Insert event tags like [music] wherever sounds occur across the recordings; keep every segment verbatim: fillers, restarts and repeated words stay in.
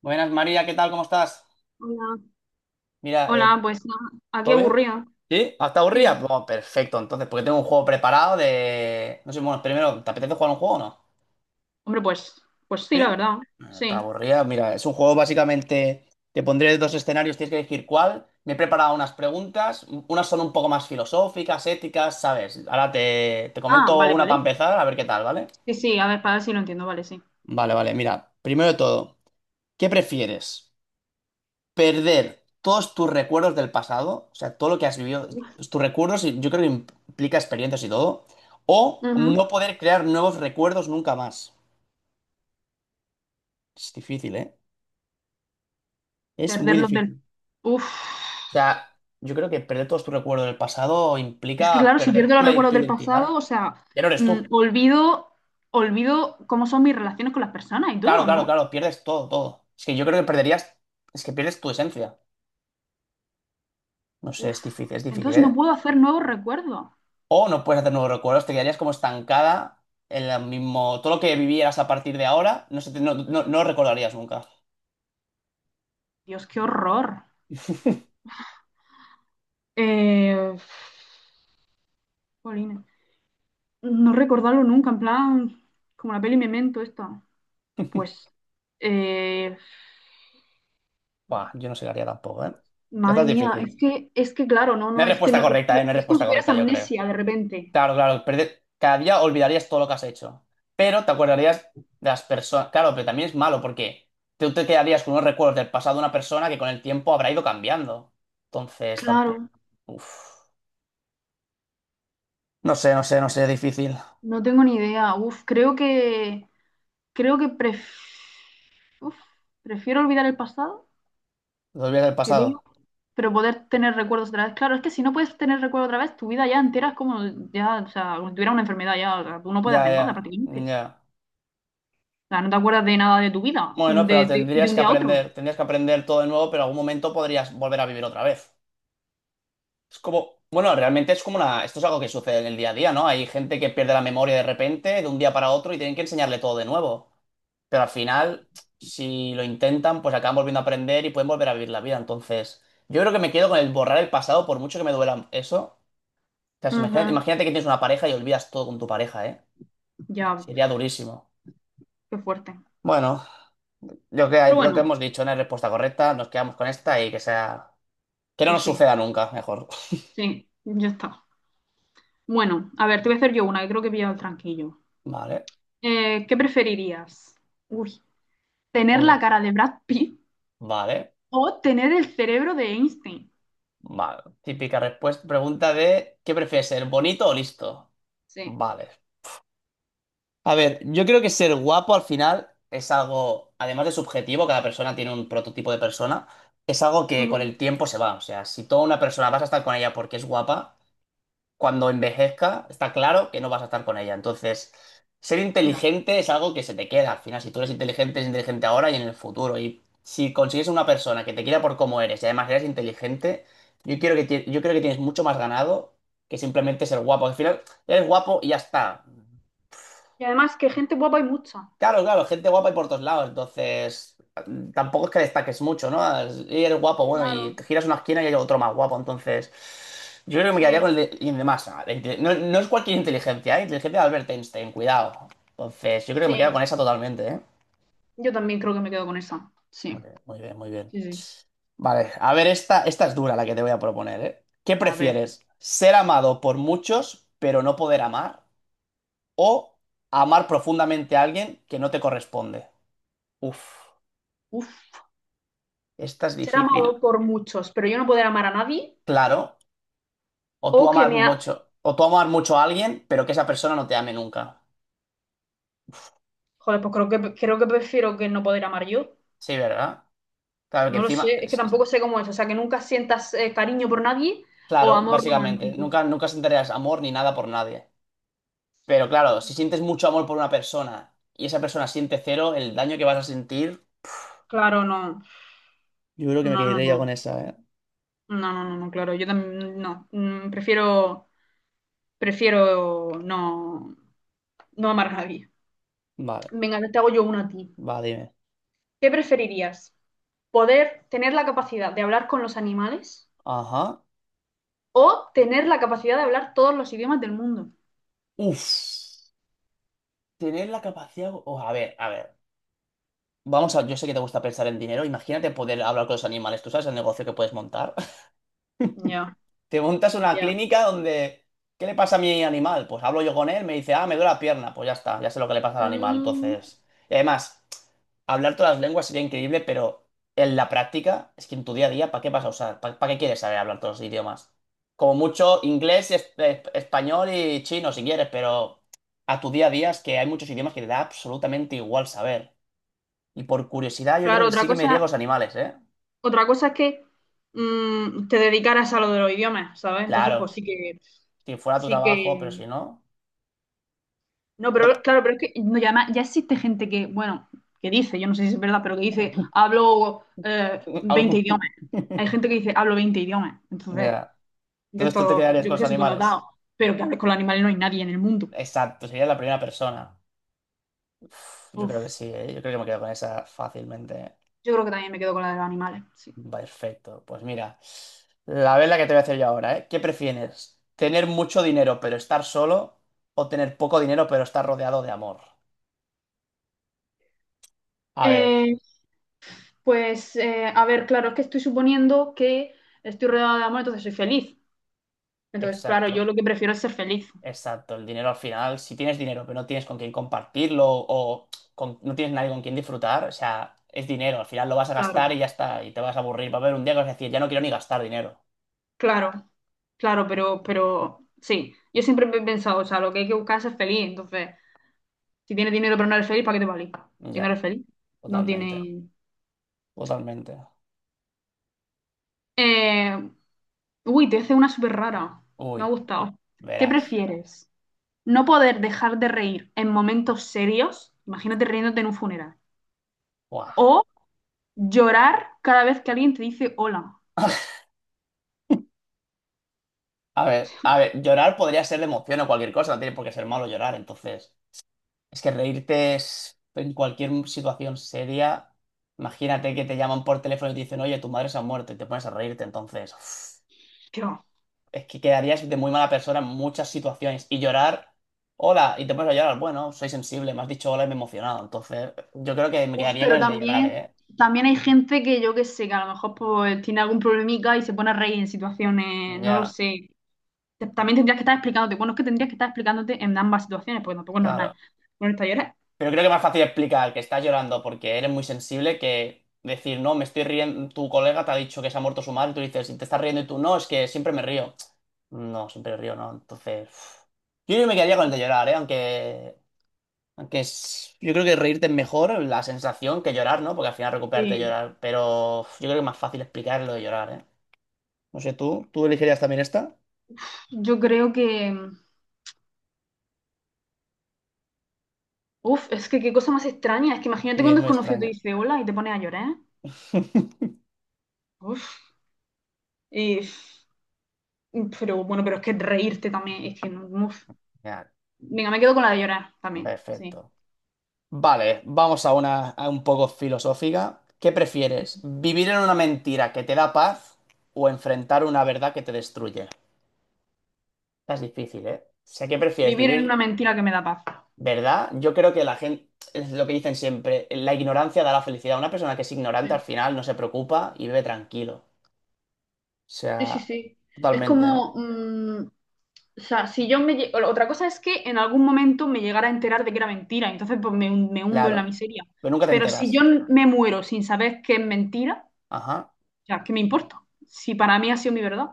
Buenas, María, ¿qué tal? ¿Cómo estás? Hola, Mira, hola, eh, pues ah, aquí ¿todo bien? aburrido. ¿Sí? ¿Hasta Sí. aburrida? Bueno, perfecto, entonces, porque tengo un juego preparado de... No sé, bueno, primero, ¿te apetece jugar un juego o no? Hombre, pues, pues sí, la ¿Sí? verdad. Ah, está Sí. aburrida, mira, es un juego básicamente... Te pondré dos escenarios, tienes que elegir cuál. Me he preparado unas preguntas, unas son un poco más filosóficas, éticas, ¿sabes? Ahora te, te Ah, comento vale, una para vale. empezar, a ver qué tal, ¿vale? Sí, sí, a ver, para ver si lo entiendo, vale, sí. Vale, vale, mira, primero de todo, ¿qué prefieres? Perder todos tus recuerdos del pasado, o sea, todo lo que has vivido, Uf. tus recuerdos, y yo creo que implica experiencias y todo, o no Ujú. poder crear nuevos recuerdos nunca más. Es difícil, ¿eh? Es Perder muy los del. difícil. Uf. O sea, yo creo que perder todos tus recuerdos del pasado Es que implica claro, si perder pierdo tu, los recuerdos tu del pasado, identidad. o sea, Ya no eres mm, tú. olvido, olvido cómo son mis relaciones con las personas y Claro, todo, claro, ¿no? claro, pierdes todo, todo. Es que yo creo que perderías, es que pierdes tu esencia. No sé, Uf. es difícil, es difícil, Entonces no ¿eh? puedo hacer nuevos recuerdos. O no puedes hacer nuevos recuerdos, te quedarías como estancada en la mismo. Todo lo que vivieras a partir de ahora, no, se te- no, no- no lo recordarías nunca. Dios, qué horror. Eh, jolines. No recordarlo nunca, en plan, como la peli Memento esta. Pues, eh, Buah, yo no sé qué haría tampoco, ¿eh? Esta madre es mía, difícil. es que, es que claro, no, No no, hay es que respuesta no, es correcta, ¿eh? No que hay es como si respuesta tuvieras correcta, yo creo. amnesia de repente. Claro, claro. perde- Cada día olvidarías todo lo que has hecho. Pero te acordarías de las personas. Claro, pero también es malo porque tú te quedarías con unos recuerdos del pasado de una persona que con el tiempo habrá ido cambiando. Entonces, tampoco. Claro, Uf. No sé, no sé, no sé, difícil. no tengo ni idea. Uf, creo que, creo que pref- uf, prefiero olvidar el pasado, Los días del creo, pasado. pero poder tener recuerdos otra vez. Claro, es que si no puedes tener recuerdos otra vez, tu vida ya entera es como ya, o sea, como si tuvieras una enfermedad ya, o sea, tú no puedes Ya, hacer nada ya, prácticamente. ya. O sea, no te acuerdas de nada de tu vida, Bueno, pero de, de- de tendrías un que día a otro. aprender, tendrías que aprender todo de nuevo, pero en algún momento podrías volver a vivir otra vez. Es como, bueno, realmente es como una, esto es algo que sucede en el día a día, ¿no? Hay gente que pierde la memoria de repente, de un día para otro, y tienen que enseñarle todo de nuevo. Pero al final, si lo intentan, pues acaban volviendo a aprender y pueden volver a vivir la vida. Entonces, yo creo que me quedo con el borrar el pasado, por mucho que me duela eso. O sea, si imagínate, Ujú. imagínate que tienes una pareja y olvidas todo con tu pareja, ¿eh? Ya, Sería durísimo. qué fuerte. Bueno, lo que Pero lo que bueno. hemos dicho no es respuesta correcta, nos quedamos con esta y que sea... Que no Pues nos sí, suceda nunca, mejor. sí, ya está. Bueno, a ver, te voy a hacer yo una, que creo que he pillado el tranquillo. Vale, Eh, ¿qué preferirías? Uy, ¿tener la uy, cara de Brad Pitt vale, o tener el cerebro de Einstein? vale. Típica respuesta, pregunta de ¿qué prefieres, ser bonito o listo? Sí. Vale. A ver, yo creo que ser guapo al final es algo, además de subjetivo, cada persona tiene un prototipo de persona, es algo que Ujú. con el tiempo se va. O sea, si toda una persona vas a estar con ella porque es guapa, cuando envejezca, está claro que no vas a estar con ella. Entonces, ser Ya. inteligente es algo que se te queda. Al final, si tú eres inteligente, eres inteligente ahora y en el futuro. Y si consigues una persona que te quiera por cómo eres y además eres inteligente, yo quiero que ti- yo creo que tienes mucho más ganado que simplemente ser guapo. Al final, eres guapo y ya está. Y además que gente guapa hay mucha. Claro, claro, gente guapa y por todos lados, entonces mm, tampoco es que destaques mucho, ¿no? Es- Y eres guapo, bueno, y Claro, te giras una esquina y hay otro más guapo, entonces yo creo que me quedaría con el sí, de, y el de masa. La inte- No, no es cualquier inteligencia, ¿eh? Inteligencia de Albert Einstein, cuidado. Entonces yo creo que me quedo con sí. esa totalmente, ¿eh? Yo también creo que me quedo con esa. Muy Sí, bien, muy bien, muy bien. sí, sí. Vale, a ver, esta, esta es dura la que te voy a proponer, ¿eh? ¿Qué A ver. prefieres? ¿Ser amado por muchos, pero no poder amar? ¿O amar profundamente a alguien que no te corresponde? Uf. Uf. Esta es Ser difícil. amado por muchos, pero yo no poder amar a nadie. Claro, o tú O que amar me ha... mucho, o tú amar mucho a alguien, pero que esa persona no te ame nunca. Joder, pues creo que, creo que prefiero que no poder amar yo. Sí, ¿verdad? Claro que No lo encima, sé, es que es- es- tampoco sé cómo es, o sea, que nunca sientas eh, cariño por nadie o claro, amor básicamente, romántico. nunca, nunca sentirás amor ni nada por nadie. Pero claro, si sientes mucho amor por una persona y esa persona siente cero, el daño que vas a sentir, Claro, no, yo creo que me no, no, quedaría no, con esa, ¿eh? no, no, no, no, claro, yo también, no. Mm, prefiero, prefiero no, no amar a nadie. Vale, Venga, te hago yo una a ti. va, dime. ¿Qué preferirías? ¿Poder tener la capacidad de hablar con los animales Ajá. o tener la capacidad de hablar todos los idiomas del mundo? Uf. Tener la capacidad. O a ver, a ver. Vamos a. Yo sé que te gusta pensar en dinero. Imagínate poder hablar con los animales. ¿Tú sabes el negocio que puedes montar? Ya, Te montas una ya. clínica donde, ¿qué le pasa a mi animal? Pues hablo yo con él, me dice, ah, me duele la pierna. Pues ya está, ya sé lo que le pasa al animal. Mm, Entonces, y además, hablar todas las lenguas sería increíble, pero en la práctica, es que en tu día a día, ¿para qué vas a usar? ¿Para, para qué quieres saber hablar todos los idiomas? Como mucho inglés, es- es- español y chino, si quieres, pero a tu día a día es que hay muchos idiomas que te da absolutamente igual saber. Y por curiosidad, yo creo claro, que sí otra que me iría a cosa, los animales, ¿eh? Otra cosa es que mm, te dedicaras a lo de los idiomas, ¿sabes? Entonces, Claro, pues sí que, si fuera tu sí trabajo, pero si que... no. No, pero claro, pero es que no, ya, ma- ya existe gente que, bueno, que dice, yo no sé si es verdad, pero que dice, hablo eh, veinte Algo. idiomas. [laughs] Hay gente que dice, hablo veinte idiomas. Entonces, Ya. de Entonces tú te esto, quedarías yo con que los sé, animales. supernotado. Pero que hables con los animales no hay nadie en el mundo. Exacto, sería la primera persona. Uf, yo Uf, creo que sí, ¿eh? Yo creo que me quedo con esa fácilmente. yo creo que también me quedo con la de los animales, sí. Perfecto. Pues mira, la vela que te voy a hacer yo ahora, ¿eh? ¿Qué prefieres? ¿Tener mucho dinero pero estar solo o tener poco dinero pero estar rodeado de amor? A ver, Eh, pues, eh, a ver, claro, es que estoy suponiendo que estoy rodeada de amor, entonces soy feliz. Entonces, claro, yo exacto. lo que prefiero es ser feliz. Exacto, el dinero al final, si tienes dinero pero no tienes con quién compartirlo o con- no tienes nadie con quien disfrutar, o sea, es dinero, al final lo vas a Claro, gastar y ya está, y te vas a aburrir. Va a haber un día que vas a decir, ya no quiero ni gastar dinero. claro, claro, pero, pero sí, yo siempre he pensado, o sea, lo que hay que buscar es ser feliz. Entonces, si tienes dinero pero no eres feliz, ¿para qué te vale? Si no Ya, eres feliz, no totalmente, tiene... totalmente. Eh, Uy, te hice una súper rara. Me ha Uy, gustado. ¿Qué verás. prefieres? ¿No poder dejar de reír en momentos serios? Imagínate riéndote en un funeral. Buah. ¿O llorar cada vez que alguien te dice hola? [laughs] A ver, a ver, llorar podría ser de emoción o cualquier cosa, no tiene por qué ser malo llorar, entonces. Es que reírte es en cualquier situación seria. Imagínate que te llaman por teléfono y te dicen, oye, tu madre se ha muerto y te pones a reírte, entonces. Uf. Dios. Es que quedarías de muy mala persona en muchas situaciones. Y llorar, hola, y te pones a llorar. Bueno, soy sensible, me has dicho hola y me he emocionado. Entonces, yo creo que me Uf, quedaría con pero el de llorar, también, ¿eh? también hay gente que yo que sé, que a lo mejor pues, tiene algún problemica y se pone a reír en situaciones, no lo Ya, sé. Te- También tendrías que estar explicándote. Bueno, es que tendrías que estar explicándote en ambas situaciones, porque tampoco es normal. claro. Bueno, ¿esta llorando? Pero creo que es más fácil explicar que estás llorando porque eres muy sensible que decir, no, me estoy riendo, tu colega te ha dicho que se ha muerto su madre, y tú dices, y te estás riendo y tú, no, es que siempre me río. No, siempre río, no. Entonces, uf. Yo creo que me quedaría con el de llorar, ¿eh? Aunque aunque es- yo creo que reírte es mejor la sensación que llorar, ¿no? Porque al final recuperarte de Sí. llorar. Pero uf, yo creo que es más fácil explicar lo de llorar, ¿eh? No sé, tú, tú elegirías también esta Yo creo que. Uf, es que qué cosa más extraña. Es que imagínate que y un es muy desconocido te extraño. dice hola y te pones a llorar. [laughs] Uf. eh, pero bueno, pero es que reírte también. Es que no, no, uf. Genial, Venga, me quedo con la de llorar también. Sí. perfecto. Vale, vamos a una a un poco filosófica. ¿Qué prefieres? ¿Vivir en una mentira que te da paz o enfrentar una verdad que te destruye? Esta es difícil, ¿eh? O sea, ¿qué prefieres? Vivir en una ¿Vivir? mentira que me da paz. ¿Verdad? Yo creo que la gente, es lo que dicen siempre, la ignorancia da la felicidad. Una persona que es ignorante al Sí. final no se preocupa y vive tranquilo. O Sí, sí, sea, sí. Es totalmente, ¿no? como, mm, o sea, si yo me... lle- otra cosa es que en algún momento me llegara a enterar de que era mentira, entonces pues me, hun- me hundo en la Claro. miseria. Pero nunca te Pero si yo enteras. n- me muero sin saber que es mentira, Ajá, o sea, ¿qué me importa? Si para mí ha sido mi verdad.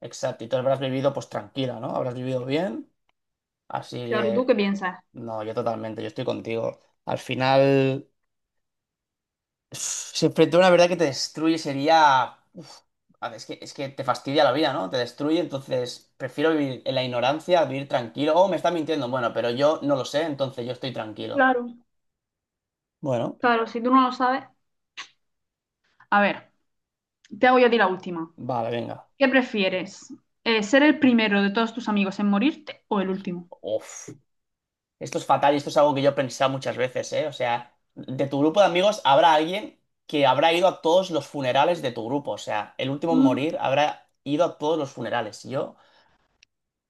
exacto. Y tú habrás vivido pues tranquila, ¿no? Habrás vivido bien. Así Claro, ¿tú que, qué piensas? no, yo totalmente, yo estoy contigo. Al final, [sighs] si enfrentara una verdad que te destruye sería... A ver, es que, es que te fastidia la vida, ¿no? Te destruye, entonces prefiero vivir en la ignorancia, vivir tranquilo. Oh, me está mintiendo. Bueno, pero yo no lo sé, entonces yo estoy tranquilo. Claro. Bueno, Claro, si tú no lo sabes. A ver, te hago yo a ti la última. vale, venga. ¿Qué prefieres? Eh, ¿ser el primero de todos tus amigos en morirte o el último? Uf. Esto es fatal y esto es algo que yo he pensado muchas veces, ¿eh? O sea, de tu grupo de amigos habrá alguien que habrá ido a todos los funerales de tu grupo. O sea, el último en Mm. morir habrá ido a todos los funerales. Y yo,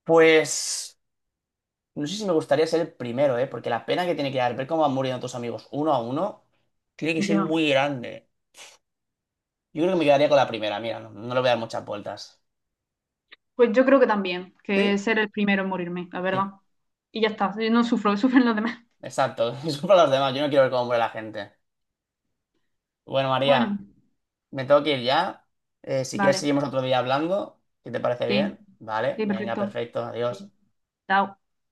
pues, no sé si me gustaría ser el primero, ¿eh? Porque la pena que tiene que dar ver cómo van muriendo tus amigos uno a uno tiene que ser Ya. muy grande. Yo creo que me quedaría con la primera, mira, no, no le voy a dar muchas vueltas. Pues yo creo que también, que Sí. ser el primero en morirme, la verdad. Sí, Y ya está, yo no sufro, [laughs] sufren los demás. exacto. [laughs] Disculpa a los demás, yo no quiero ver cómo muere la gente. Bueno, Bueno, María, me tengo que ir ya. Eh, si quieres, vale, seguimos otro día hablando, si te parece sí, bien. Vale, sí, venga, perfecto. perfecto, adiós. Sí. Chao.